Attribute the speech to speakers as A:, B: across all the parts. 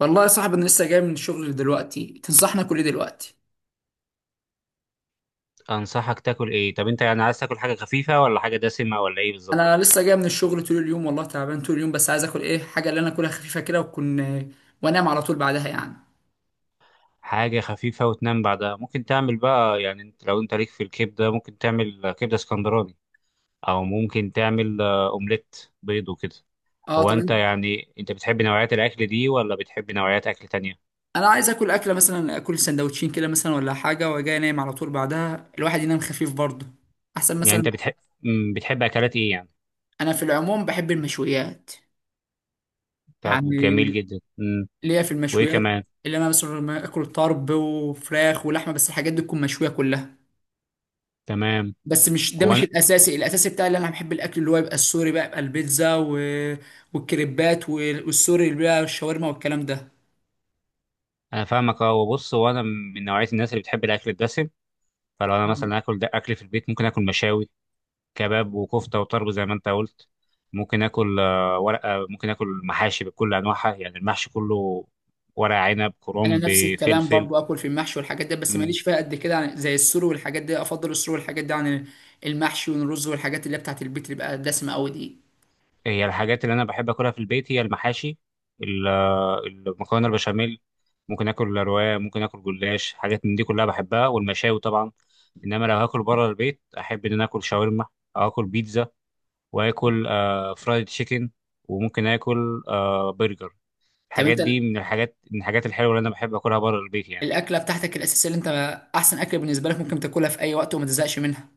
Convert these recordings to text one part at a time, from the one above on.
A: والله يا صاحبي، انا لسه جاي من الشغل دلوقتي. تنصحنا كل إيه دلوقتي؟
B: انصحك تاكل ايه؟ طب انت يعني عايز تاكل حاجه خفيفه ولا حاجه دسمه ولا ايه بالظبط؟
A: انا لسه جاي من الشغل طول اليوم، والله تعبان طول اليوم، بس عايز اكل ايه؟ حاجه اللي انا اكلها خفيفه كده، وكن وانام على طول بعدها يعني.
B: حاجه خفيفه وتنام بعدها. ممكن تعمل بقى، يعني لو انت ليك في الكبده، ممكن تعمل كبده اسكندراني، او ممكن تعمل اومليت بيض وكده.
A: اه
B: هو انت،
A: طبعا.
B: يعني انت بتحب نوعيات الاكل دي ولا بتحب نوعيات اكل تانية؟
A: انا عايز اكل اكله مثلا، اكل سندوتشين كده مثلا ولا حاجه، وجاي انام على طول بعدها، الواحد ينام خفيف برضه احسن
B: يعني
A: مثلا.
B: انت بتحب، بتحب اكلات ايه يعني؟
A: انا في العموم بحب المشويات
B: طب جميل
A: يعني،
B: جدا. مم.
A: ليا في
B: وايه
A: المشويات.
B: كمان؟
A: اللي انا مثلا لما اكل طرب وفراخ ولحمه، بس الحاجات دي تكون مشويه كلها.
B: تمام.
A: بس مش ده،
B: هو
A: مش
B: انا
A: الاساسي. الاساسي بتاعي اللي انا بحب الاكل اللي هو يبقى السوري بقى، يبقى البيتزا والكريبات والسوري، اللي بقى الشاورما والكلام ده.
B: انا فاهمك، اه، وبص، هو انا من نوعيه الناس اللي بتحب الاكل الدسم. فلو انا مثلا
A: مم.
B: اكل، ده اكل في البيت ممكن اكل مشاوي، كباب وكفته وطرب زي ما انت قلت. ممكن اكل ورقه، ممكن اكل محاشي بكل انواعها، يعني المحشي كله، ورق عنب،
A: انا
B: كرنب،
A: نفس الكلام
B: فلفل.
A: برضو، اكل في المحشي والحاجات دي، بس
B: مم.
A: ماليش فيها قد كده زي السوري والحاجات دي، افضل السوري والحاجات دي عن المحشي والرز والحاجات اللي هي بتاعت البيت، اللي بقى دسمه قوي دي.
B: هي الحاجات اللي انا بحب اكلها في البيت هي المحاشي، المكرونه، البشاميل. ممكن اكل رواية، ممكن اكل جلاش، حاجات من دي كلها بحبها، والمشاوي طبعا. انما لو هاكل بره البيت، احب ان انا اكل شاورما، او اكل بيتزا، واكل فرايد تشيكن، وممكن اكل برجر.
A: طب
B: الحاجات
A: انت
B: دي من الحاجات الحلوه اللي انا بحب اكلها بره البيت يعني.
A: الاكله بتاعتك الاساسيه، اللي انت احسن اكله بالنسبه لك، ممكن تاكلها في اي وقت وما تزهقش منها؟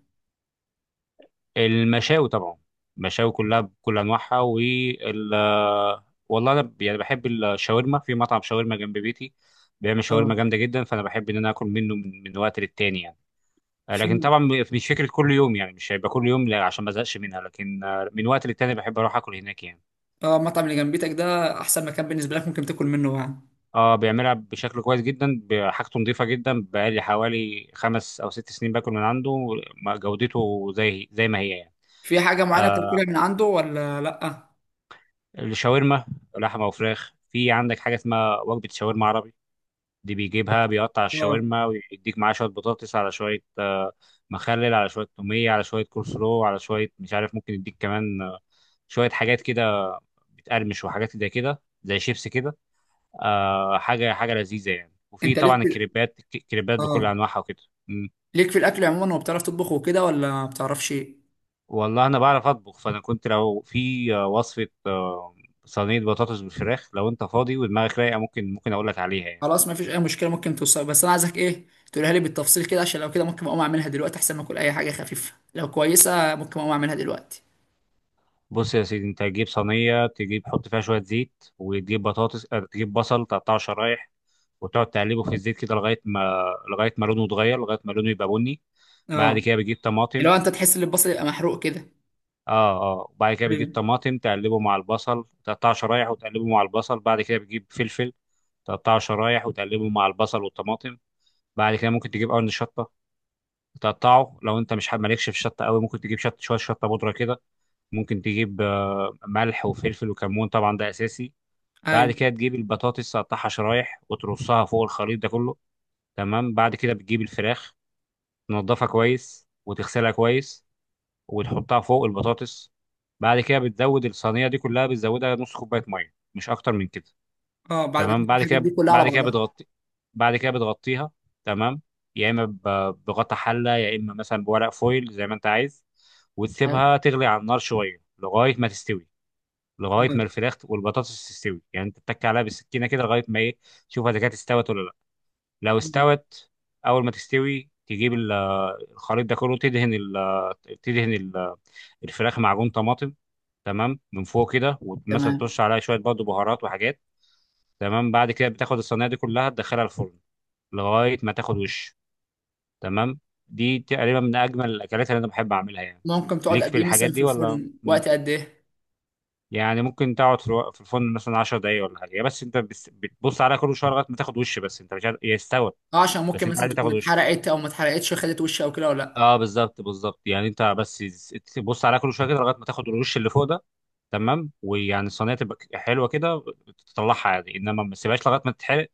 B: المشاوي طبعا، المشاوي كلها بكل انواعها والله انا يعني بحب الشاورما في مطعم شاورما جنب بيتي. بيعمل
A: اه.
B: شاورما جامده جدا، فانا بحب ان انا اكل منه من وقت للتاني يعني.
A: في،
B: لكن طبعا مش فكره كل يوم، يعني مش هيبقى كل يوم، لا، عشان ما ازهقش منها. لكن من وقت للتاني بحب اروح اكل هناك يعني.
A: اه المطعم اللي جنبيتك ده احسن مكان بالنسبه لك ممكن تاكل منه يعني؟
B: اه، بيعملها بشكل كويس جدا، حاجته نظيفه جدا. بقالي حوالي 5 أو 6 سنين باكل من عنده. جودته زي ما هي يعني.
A: في حاجة معينة بتاكلها
B: آه
A: من عنده ولا لأ؟
B: الشاورما، لحمه وفراخ. في عندك حاجه اسمها وجبه شاورما عربي. دي بيجيبها، بيقطع
A: اه.
B: الشاورما ويديك معاها شويه بطاطس، على شويه مخلل، على شويه توميه، على شويه كول سلو، على شويه مش عارف، ممكن يديك كمان شويه حاجات كده، بتقرمش، وحاجات زي كده زي شيبس كده. حاجه حاجه لذيذه يعني. وفي
A: انت ليك
B: طبعا
A: في
B: الكريبات، الكريبات بكل
A: اه
B: انواعها وكده. مم.
A: ليك في الاكل عموما، وبتعرف تطبخ وكده ولا ما بتعرفش ايه؟
B: والله انا بعرف اطبخ. فانا كنت لو في وصفه صينيه بطاطس بالفراخ، لو انت فاضي ودماغك رايقه، ممكن اقول لك عليها يعني.
A: خلاص، ما فيش اي مشكله. ممكن توصل، بس انا عايزك ايه، تقولها لي بالتفصيل كده، عشان لو كده ممكن اقوم اعملها دلوقتي، احسن ما اكل اي حاجه خفيفه. لو كويسه ممكن اقوم اعملها دلوقتي.
B: بص يا سيدي، انت هتجيب صينيه، تجيب حط فيها شويه زيت، وتجيب بطاطس، تجيب بصل تقطعه شرايح، وتقعد تقلبه في الزيت كده، لغايه ما لونه يتغير، لغايه ما لونه يبقى بني. بعد
A: اه.
B: كده بتجيب
A: اللي
B: طماطم.
A: هو انت تحس ان البصل يبقى محروق كده.
B: اه، اه. وبعد كده
A: ايوه.
B: بتجيب طماطم، تقلبه مع البصل، تقطعه شرايح وتقلبه مع البصل. بعد كده بتجيب فلفل، تقطعه شرايح وتقلبه مع البصل والطماطم. بعد كده ممكن تجيب قرن شطه، تقطعه. لو انت مش مالكش في الشطه قوي، ممكن تجيب شويه شطه بودره كده. ممكن تجيب ملح وفلفل وكمون، طبعا ده اساسي. بعد
A: ايوه.
B: كده تجيب البطاطس تقطعها شرايح وترصها فوق الخليط ده كله. تمام. بعد كده بتجيب الفراخ، تنضفها كويس وتغسلها كويس، وتحطها فوق البطاطس. بعد كده بتزود الصينية دي كلها، بتزودها نص كوباية مية مش أكتر من كده.
A: اه، بعد ما
B: تمام.
A: تحط
B: بعد
A: الحاجات
B: كده
A: دي كلها على
B: بعد كده
A: بعضها.
B: بعد كده بتغطيها. تمام. يا إما بغطا حلة، يا إما مثلا بورق فويل، زي ما أنت عايز.
A: ايوه.
B: وتسيبها تغلي على النار شوية لغاية ما تستوي، لغايه
A: تمام.
B: ما الفراخ والبطاطس تستوي، يعني انت تتك عليها بالسكينه كده لغايه ما ايه، تشوف اذا كانت استوت ولا لا. لو
A: آه.
B: استوت، اول ما تستوي تجيب الخليط ده كله، تدهن الفراخ معجون طماطم. تمام، من فوق كده، ومثلا
A: تمام.
B: ترش عليها شويه برضه بهارات وحاجات. تمام. بعد كده بتاخد الصينيه دي كلها تدخلها الفرن لغايه ما تاخد وش. تمام. دي تقريبا من اجمل الاكلات اللي انا بحب اعملها يعني.
A: ممكن تقعد
B: ليك
A: قد
B: في
A: ايه
B: الحاجات
A: مثلا في
B: دي ولا؟
A: الفرن؟ وقت قد ايه؟
B: يعني ممكن تقعد في في الفرن مثلا 10 دقايق ولا حاجه، هي بس انت بس بتبص عليها كل شويه لغايه ما تاخد وش، بس انت مش عارف هي استوت.
A: اه، عشان ممكن
B: بس انت
A: مثلا
B: عايز
A: تكون
B: تاخد وش.
A: اتحرقت او ما اتحرقتش، وخدت وش او كده ولا لا؟
B: اه، بالظبط بالظبط. يعني انت بس تبص عليها كل شويه كده لغايه ما تاخد الوش اللي فوق ده. تمام. ويعني الصينيه تبقى حلوه كده، تطلعها يعني، انما ما تسيبهاش لغايه ما تتحرق،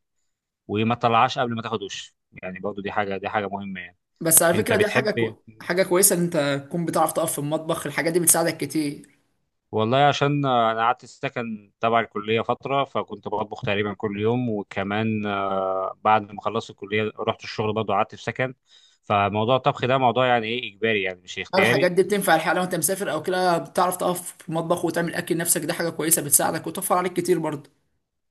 B: وما تطلعهاش قبل ما تاخد وش. يعني برضو دي حاجه مهمه يعني.
A: بس على
B: انت
A: فكرة، دي حاجة
B: بتحب إيه؟
A: حاجة كويسة إن أنت تكون بتعرف تقف في المطبخ. الحاجات دي بتساعدك كتير.
B: والله عشان انا قعدت السكن تبع الكليه فتره، فكنت بطبخ تقريبا كل يوم. وكمان بعد ما خلصت الكليه رحت الشغل برضه، قعدت في سكن. فموضوع الطبخ ده موضوع يعني ايه، اجباري يعني مش
A: هل الحاجات
B: اختياري.
A: دي بتنفع الحقيقة لو أنت مسافر أو كده بتعرف تقف في المطبخ وتعمل أكل نفسك؟ دي حاجة كويسة بتساعدك وتوفر عليك كتير برضه.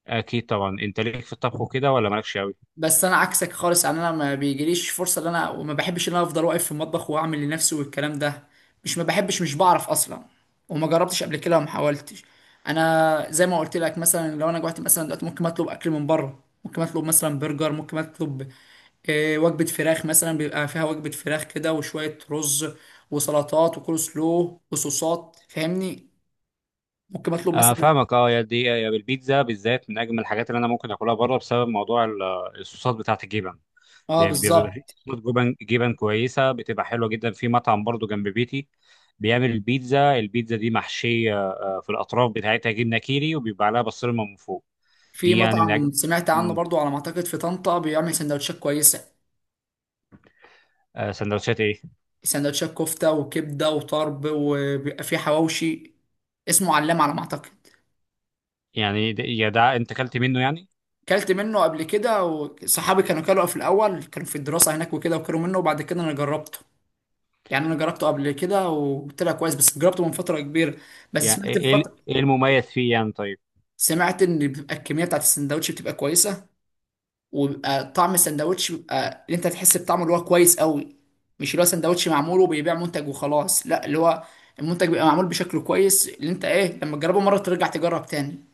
B: اكيد طبعا. انت ليك في الطبخ وكده ولا مالكش قوي؟
A: بس انا عكسك خالص يعني، انا ما بيجيليش فرصه ان انا، وما بحبش ان انا افضل واقف في المطبخ واعمل لنفسي والكلام ده. مش ما بحبش، مش بعرف اصلا، وما جربتش قبل كده وما حاولتش. انا زي ما قلت لك، مثلا لو انا جوعت مثلا دلوقتي ممكن اطلب اكل من بره، ممكن اطلب مثلا برجر، ممكن اطلب وجبه فراخ مثلا، بيبقى فيها وجبه فراخ كده وشويه رز وسلطات وكول سلو وصوصات، فاهمني؟ ممكن اطلب
B: آه،
A: مثلا.
B: فاهمك، اه. يا دي يا البيتزا بالذات من اجمل الحاجات اللي انا ممكن اكلها بره، بسبب موضوع الصوصات بتاعه الجبن.
A: اه
B: بيبقى في
A: بالظبط.
B: صوصات جبن جبن كويسه، بتبقى حلوه جدا في مطعم برضه جنب بيتي. بيعمل البيتزا، البيتزا دي محشيه في الاطراف بتاعتها جبنه كيري، وبيبقى عليها بسطرمه من فوق.
A: في
B: دي يعني من
A: مطعم
B: اجمل.
A: سمعت عنه
B: مم.
A: برضو، على ما اعتقد في طنطا، بيعمل سندوتشات كويسه.
B: سندوتشات ايه
A: سندوتشات كفته وكبده وطرب، وبيبقى فيه حواوشي. اسمه علام على ما اعتقد.
B: يعني؟ يا ده انت اكلت منه يعني؟
A: كلت منه قبل كده، وصحابي كانوا كلوا في الاول، كانوا في الدراسه هناك وكده، وكلوا منه وبعد كده انا جربته. يعني انا جربته قبل كده وطلع كويس، بس جربته من فتره كبيره. بس
B: يعني
A: سمعت
B: ايه
A: الفتره،
B: ايه المميز فيه يعني؟ طيب.
A: سمعت ان بتبقى الكميه بتاعت السندوتش بتبقى كويسه، وبيبقى طعم السندوتش بيبقى اللي انت تحس بطعمه، اللي هو كويس قوي. مش اللي هو سندوتش معمول وبيبيع منتج وخلاص، لا، اللي هو المنتج بيبقى معمول بشكل كويس، اللي انت ايه، لما تجربه مره ترجع تجرب تاني.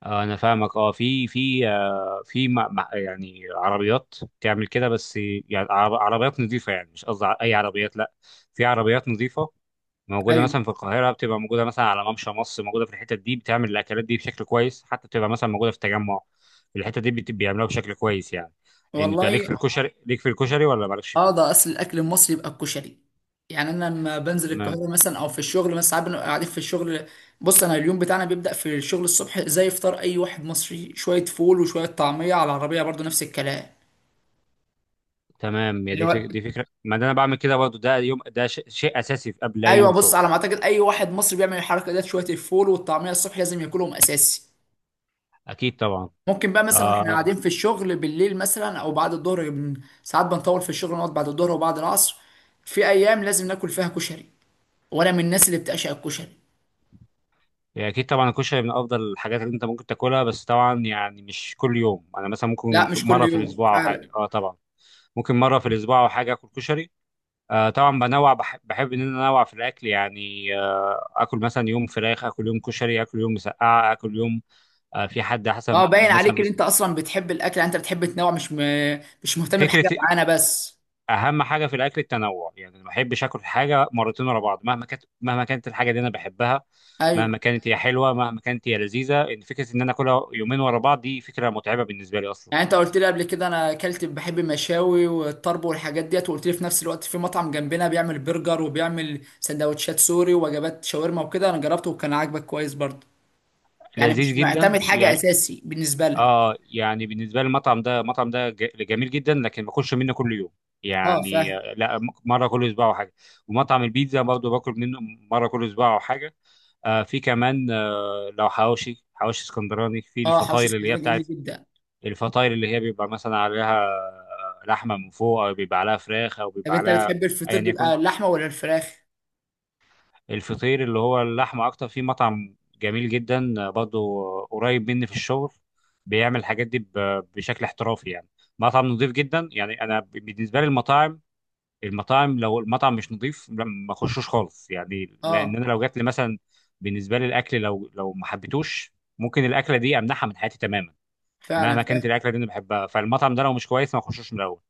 B: انا فاهمك، اه. في يعني عربيات تعمل كده. بس يعني عربيات نظيفه، يعني مش قصدي اي عربيات، لا، في عربيات نظيفه موجوده
A: ايوه.
B: مثلا في القاهره، بتبقى موجوده مثلا على ممشى مصر، موجوده في الحتت دي بتعمل الاكلات دي بشكل كويس، بتبقى مثلا موجوده في التجمع. الحته دي بيعملوها بشكل كويس يعني. انت ليك
A: والله.
B: في الكشري ليك في الكشري ولا مالكش
A: اه، ده
B: فيه؟
A: اصل الاكل المصري يبقى الكشري. يعني انا لما بنزل
B: تمام،
A: القاهره مثلا او في الشغل مثلا، ساعات بنبقى قاعدين في الشغل. بص، انا اليوم بتاعنا بيبدا في الشغل الصبح، زي فطار اي واحد مصري، شويه فول وشويه طعميه على العربيه، برضو نفس الكلام.
B: تمام. يا
A: اللي
B: دي
A: هو
B: دي فكره، ما ده انا بعمل كده برضو، ده يوم ده شيء اساسي في قبل اي
A: ايوه،
B: يوم
A: بص،
B: شغل.
A: على ما اعتقد اي واحد مصري بيعمل الحركه ديت، شويه الفول والطعميه الصبح لازم ياكلهم اساسي.
B: اكيد طبعا
A: ممكن بقى مثلا واحنا
B: آه
A: قاعدين في الشغل بالليل مثلا او بعد الظهر، ساعات بنطول في الشغل، نقعد بعد الظهر وبعد العصر. في ايام لازم ناكل فيها كشري، وانا من الناس اللي بتعشق الكشري.
B: اكيد طبعا الكشري من افضل الحاجات اللي انت ممكن تاكلها، بس طبعا يعني مش كل يوم، انا مثلا ممكن
A: لا، مش كل
B: مره في
A: يوم
B: الاسبوع او حاجه.
A: فعلا.
B: اه، طبعا. ممكن مره في الاسبوع او حاجه، اكل كشري. طبعا، بحب ان انا انوع في الاكل يعني. اكل مثلا يوم فراخ، اكل يوم كشري، اكل يوم مسقعه، اكل يوم. في حد حسب
A: اه، باين عليك
B: مثلا.
A: ان انت اصلا بتحب الاكل يعني، انت بتحب تنوع، مش مش مهتم
B: فكره،
A: بحاجه معانا بس.
B: اهم حاجه في الاكل التنوع. يعني ما بحبش اكل حاجه مرتين ورا بعض، مهما كانت الحاجه دي انا بحبها.
A: ايوه.
B: مهما كانت هي حلوه، مهما كانت هي لذيذه، ان فكره ان انا اكلها يومين ورا بعض دي فكره متعبه بالنسبه لي اصلا.
A: يعني انت قلت لي قبل كده انا اكلت بحب المشاوي والطرب والحاجات ديت، وقلت لي في نفس الوقت في مطعم جنبنا بيعمل برجر وبيعمل سندوتشات سوري ووجبات شاورما وكده، انا جربته وكان عاجبك كويس برضه. يعني
B: لذيذ
A: مش
B: جدا
A: معتمد حاجه
B: يعني.
A: اساسي بالنسبه لك.
B: اه، يعني بالنسبه لي المطعم ده جميل جدا، لكن ما باكلش منه كل يوم.
A: اه
B: يعني
A: فاهم.
B: لا، مره كل اسبوع او حاجه. ومطعم البيتزا برضه باكل منه مره كل اسبوع او حاجه. في كمان لو حواوشي حواوشي اسكندراني، في
A: اه، حوش
B: الفطاير اللي هي
A: اسكندريه جميل
B: بتاعت
A: جدا.
B: الفطاير، اللي هي بيبقى مثلا عليها لحمه من فوق، او بيبقى عليها فراخ، او
A: طب
B: بيبقى
A: انت
B: عليها،
A: بتحب
B: ايا
A: الفطير
B: يكن.
A: بيبقى اللحمه ولا الفراخ؟
B: الفطير اللي هو اللحمه اكتر. في مطعم جميل جدا برضه قريب مني في الشغل، بيعمل الحاجات دي بشكل احترافي يعني. مطعم نظيف جدا يعني. انا بالنسبه لي المطاعم، لو المطعم مش نظيف، لا، ما اخشوش خالص يعني، لان
A: اه
B: انا لو جات لي مثلا، بالنسبه لي الاكل لو ما حبيتوش، ممكن الاكله دي امنعها من حياتي تماما.
A: فعلا،
B: مهما كانت
A: فاهم.
B: الاكله دي انا بحبها، فالمطعم ده لو مش كويس ما اخشوش من الاول.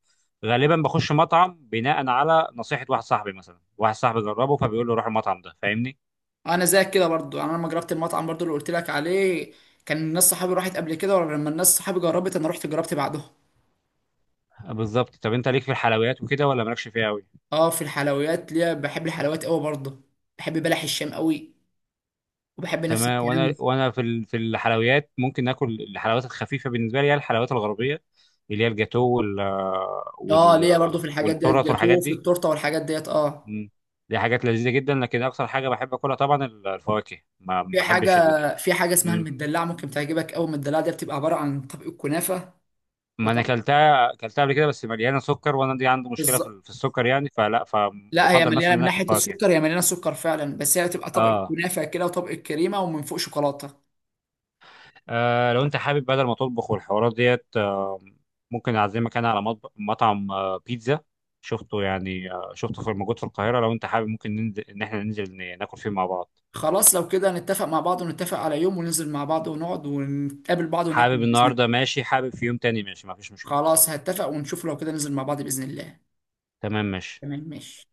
B: غالبا بخش مطعم بناء على نصيحه، واحد صاحبي مثلا واحد صاحبي جربه، فبيقول له روح المطعم ده، فاهمني.
A: انا زيك كده برضه يعني، انا لما جربت المطعم برضه اللي قلت لك عليه، كان الناس صحابي راحت قبل كده، ولما الناس صحابي جربت انا رحت جربت بعدهم.
B: بالظبط. طب انت ليك في الحلويات وكده ولا مالكش فيها قوي؟
A: اه، في الحلويات ليا، بحب الحلويات قوي برضه. بحب بلح الشام قوي، وبحب نفس
B: تمام. وانا
A: الكلام.
B: وانا في في الحلويات ممكن اكل الحلويات الخفيفه. بالنسبه لي هي الحلويات الغربيه، اللي هي الجاتو
A: اه،
B: وال
A: ليا برضه في الحاجات ديت،
B: والتورت والحاجات
A: جاتوه في
B: دي.
A: التورته والحاجات ديت، اه.
B: مم. دي حاجات لذيذه جدا. لكن اكثر حاجه بحب اكلها طبعا الفواكه. ما
A: في حاجه
B: بحبش
A: في حاجه اسمها المدلعه، ممكن تعجبك قوي. المدلعه دي بتبقى عباره عن طبق الكنافه
B: ما انا
A: وطبق.
B: اكلتها قبل كده، بس مليانه سكر، وانا دي عندي مشكله
A: بالظبط.
B: في السكر يعني، فلا،
A: لا، هي
B: فبفضل مثلا
A: مليانه
B: ان
A: من
B: أنا اكل
A: ناحيه
B: فواكه.
A: السكر، هي مليانه سكر فعلا، بس هي بتبقى طبق
B: اه.
A: الكنافه كده وطبق الكريمه، ومن فوق شوكولاته.
B: لو انت حابب بدل ما تطبخ والحوارات ديت، ممكن اعزمك انا على مطعم بيتزا شفته يعني، شفته في موجود في القاهره. لو انت حابب ممكن ننزل، ان احنا ننزل ناكل فيه مع بعض.
A: خلاص، لو كده نتفق مع بعض، ونتفق على يوم وننزل مع بعض ونقعد ونتقابل بعض وناكل
B: حابب
A: باذن
B: النهارده
A: الله.
B: ماشي، حابب في يوم تاني ماشي، ما فيش مشكله.
A: خلاص هتفق ونشوف، لو كده ننزل مع بعض باذن الله.
B: تمام ماشي.
A: تمام ماشي.